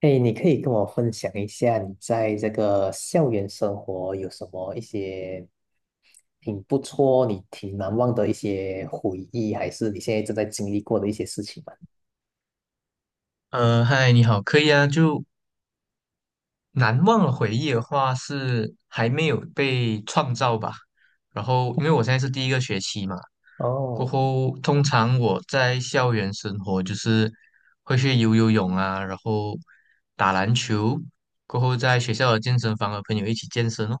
哎，你可以跟我分享一下你在这个校园生活有什么一些挺不错、你挺难忘的一些回忆，还是你现在正在经历过的一些事情吗？嗨，你好，可以啊。就难忘的回忆的话，是还没有被创造吧。然后，因为我现在是第一个学期嘛，过哦后通常我在校园生活就是会去游游泳啊，然后打篮球，过后在学校的健身房和朋友一起健身哦。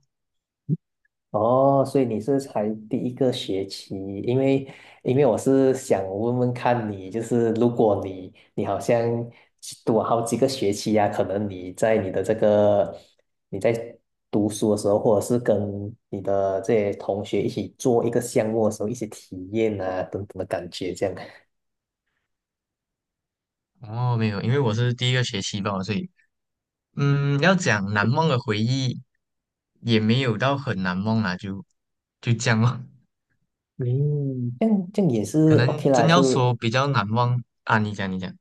哦，所以你是才第一个学期，因为因为我是想问问看你，就是如果你好像读好几个学期呀、可能你在读书的时候，或者是跟你的这些同学一起做一个项目的时候，一些体验啊等等的感觉，这样，哦，没有，因为我是第一个学期吧，所以要讲难忘的回忆，也没有到很难忘啊，就这样咯。嗯，这样也可是 OK 能啦，真要就说比较难忘啊，你讲你讲，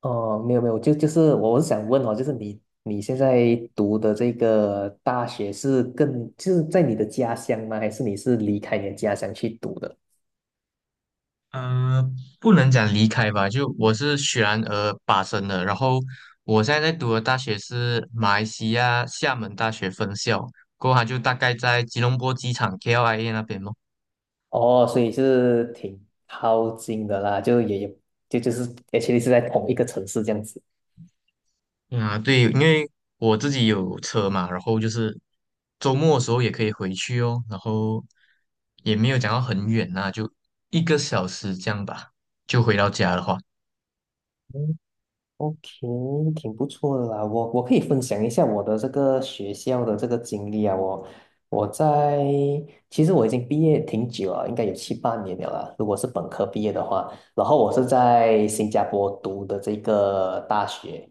哦，没有没有，就是我是想问哦，就是你现在读的这个大学是就是在你的家乡吗？还是你是离开你的家乡去读的？呃，不能讲离开吧，就我是雪兰莪巴生的，然后我现在在读的大学是马来西亚厦门大学分校，过后它就大概在吉隆坡机场 KLIA 那边咯。哦，所以是挺靠近的啦，就也就是而且 是在同一个城市这样子。啊，对，因为我自己有车嘛，然后就是周末的时候也可以回去哦，然后也没有讲到很远呐、就一个小时这样吧，就回到家的话。OK,挺不错的啦。我可以分享一下我的这个学校的这个经历啊。我我在其实我已经毕业挺久了，应该有七八年了啦。如果是本科毕业的话，然后我是在新加坡读的这个大学，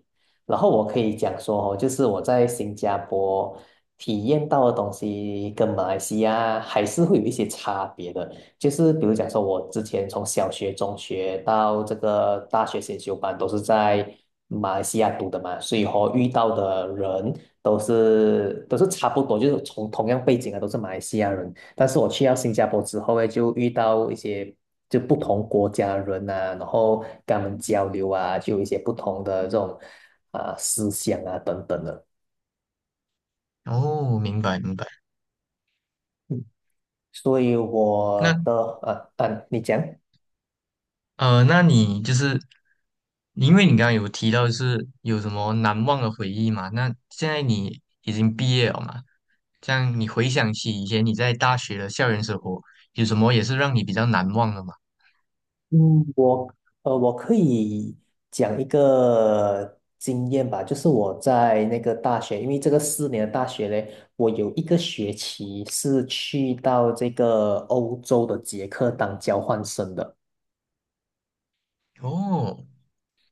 然后我可以讲说哦，就是我在新加坡体验到的东西跟马来西亚还是会有一些差别的。就是比如讲说，我之前从小学、中学到这个大学先修班，都是在马来西亚读的嘛，所以和遇到的人都是差不多，就是从同样背景的都是马来西亚人。但是我去到新加坡之后呢，就遇到一些就不同国家的人啊，然后跟他们交流啊，就有一些不同的这种啊、思想啊等等的。哦，明白明白。嗯，所以我那。的啊，你讲。那你就是因为你刚刚有提到就是有什么难忘的回忆嘛？那现在你已经毕业了嘛？这样你回想起以前你在大学的校园生活，有什么也是让你比较难忘的吗？我可以讲一个经验吧，就是我在那个大学，因为这个4年的大学嘞，我有一个学期是去到这个欧洲的捷克当交换生的。哦，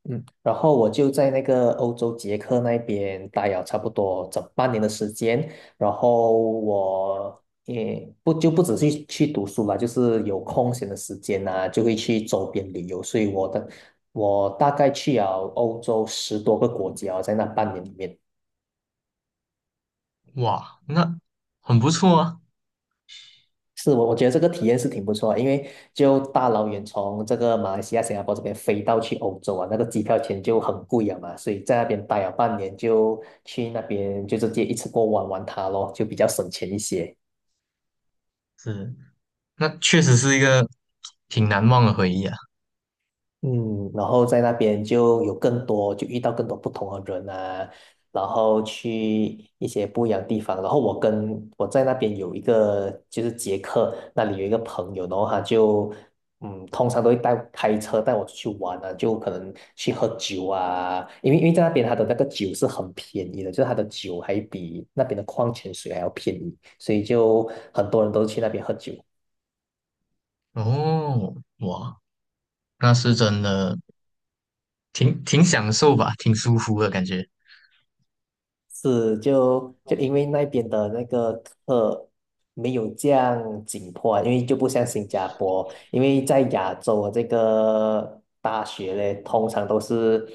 嗯，然后我就在那个欧洲捷克那边待了差不多整半年的时间，然后我也不只是去读书了，就是有空闲的时间啊，就会去周边旅游，所以我大概去了欧洲10多个国家，在那半年里面。哇，那很不错啊，是我觉得这个体验是挺不错的，因为就大老远从这个马来西亚、新加坡这边飞到去欧洲啊，那个机票钱就很贵了嘛，所以在那边待了半年，就去那边就直接一次过玩玩它咯，就比较省钱一些。是，那确实是一个挺难忘的回忆啊。嗯，然后在那边就有更多，就遇到更多不同的人啊，然后去一些不一样的地方。然后我在那边有一个就是捷克那里有一个朋友，然后他就通常都会开车带我出去玩啊，就可能去喝酒啊，因为在那边他的那个酒是很便宜的，就是他的酒还比那边的矿泉水还要便宜，所以就很多人都去那边喝酒。哦，哇，那是真的挺享受吧，挺舒服的感觉。是就因为那边的那个课没有这样紧迫啊，因为就不像新加坡，因为在亚洲的这个大学嘞，通常都是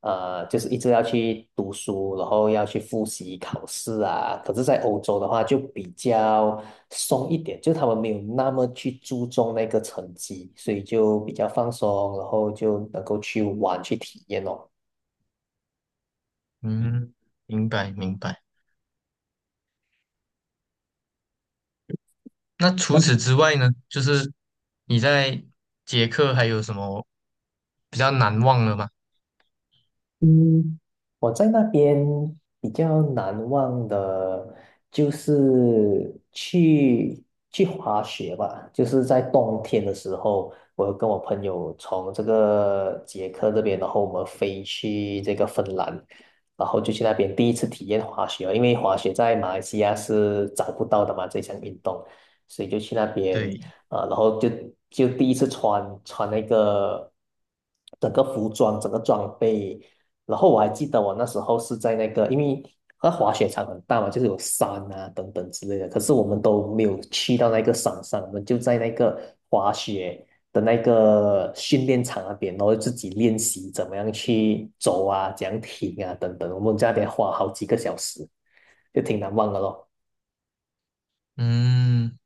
就是一直要去读书，然后要去复习考试啊。可是，在欧洲的话就比较松一点，就他们没有那么去注重那个成绩，所以就比较放松，然后就能够去玩去体验哦。嗯，明白明白。那除那此之外呢，就是你在捷克还有什么比较难忘的吗？嗯，我在那边比较难忘的，就是去滑雪吧，就是在冬天的时候，我跟我朋友从这个捷克这边，然后我们飞去这个芬兰，然后就去那边第一次体验滑雪，因为滑雪在马来西亚是找不到的嘛，这项运动，所以就去那边。对，啊，然后就第一次穿那个整个服装、整个装备，然后我还记得我那时候是在那个，因为那滑雪场很大嘛，就是有山啊等等之类的，可是我们都没有去到那个山上，我们就在那个滑雪的那个训练场那边，然后自己练习怎么样去走啊，怎样停啊等等，我们在那边花好几个小时，就挺难忘的咯。嗯，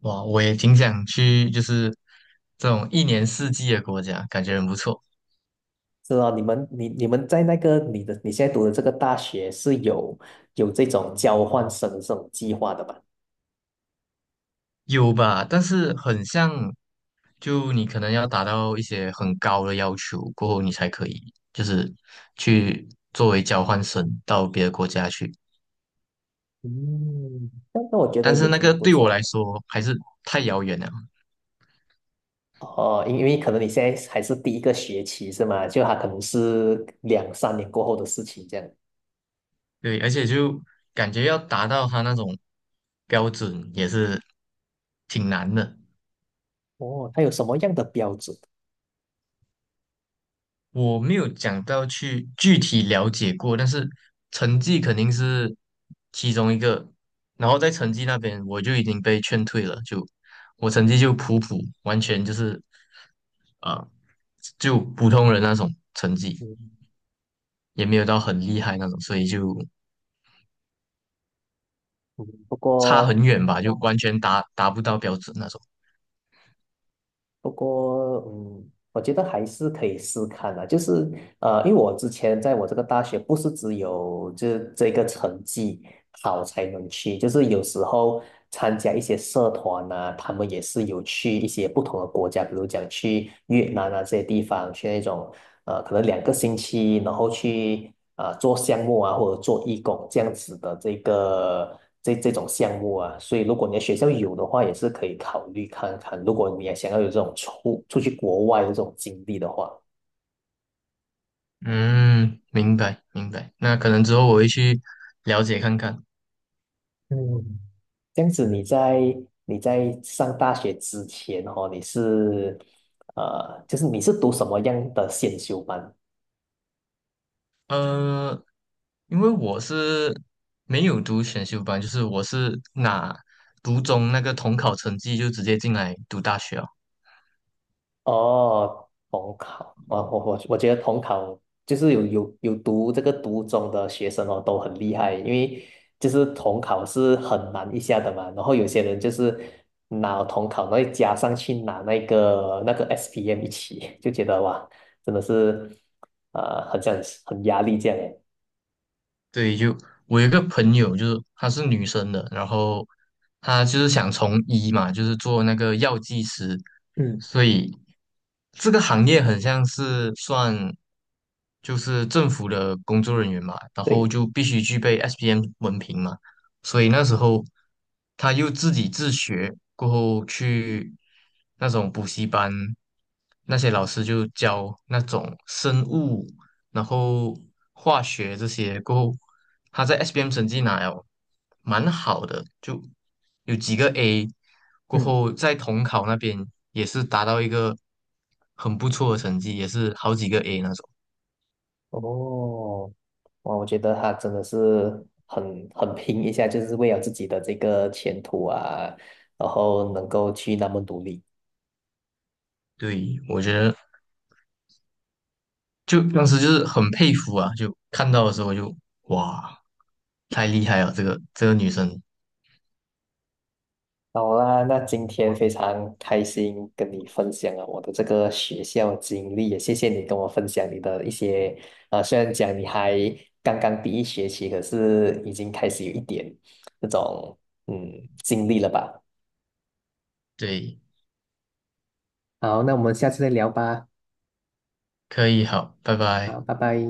哇，我也挺想去，就是这种一年四季的国家，感觉很不错。是啊，你们在那个你现在读的这个大学是有这种交换生的这种计划的吧？有吧，但是很像，就你可能要达到一些很高的要求过后，你才可以，就是去作为交换生到别的国家去。嗯，那我觉得但也是那挺个不对我来错。说还是太遥远了。哦，因为可能你现在还是第一个学期是吗？就他可能是两三年过后的事情这样。对，而且就感觉要达到他那种标准也是挺难的。哦，他有什么样的标准？我没有讲到去具体了解过，但是成绩肯定是其中一个。然后在成绩那边，我就已经被劝退了，就我成绩就普普，完全就是呃，就普通人那种成绩，嗯也没有到很厉害那种，所以就嗯，不差过很远吧，就完全达不到标准那种。不过我觉得还是可以试看的，就是因为我之前在我这个大学不是只有这个成绩好才能去，就是有时候参加一些社团呐、他们也是有去一些不同的国家，比如讲去越南啊这些地方，去那种可能2个星期，然后去啊做项目啊或者做义工这样子的这种项目啊，所以如果你的学校有的话，也是可以考虑看看，如果你也想要有这种去国外的这种经历的话。嗯，明白明白。那可能之后我会去了解看看。嗯，这样子你在上大学之前哦，你是读什么样的选修班？呃，因为我是没有读选修班，就是我是拿读中那个统考成绩就直接进来读大学啊。哦，统考，我觉得统考就是有读这个读中的学生哦，都很厉害，因为就是统考是很难一下的嘛，然后有些人就是拿统考，然后再加上去拿那个 SPM 一起，就觉得哇，真的是很像很压力这样诶。对，就我有一个朋友，就是她是女生的，然后她就是想从医嘛，就是做那个药剂师，嗯，所以这个行业很像是算就是政府的工作人员嘛，然后对。就必须具备 SPM 文凭嘛，所以那时候她又自己自学，过后去那种补习班，那些老师就教那种生物。然后化学这些过后，他在 SPM 成绩拿了蛮好的，就有几个 A，过嗯。后在统考那边也是达到一个很不错的成绩，也是好几个 A 那种。哦，哇，我觉得他真的是很拼一下，就是为了自己的这个前途啊，然后能够去那么努力。对，我觉得就当时就是很佩服啊，就看到的时候就哇，太厉害了，这个女生，好啦，那今天非常开心跟你分享了我的这个学校经历，也谢谢你跟我分享你的一些，啊。虽然讲你还刚刚第一学期，可是已经开始有一点那种嗯经历了吧。对，好，那我们下次再聊吧。可以，好，拜拜。好，拜拜。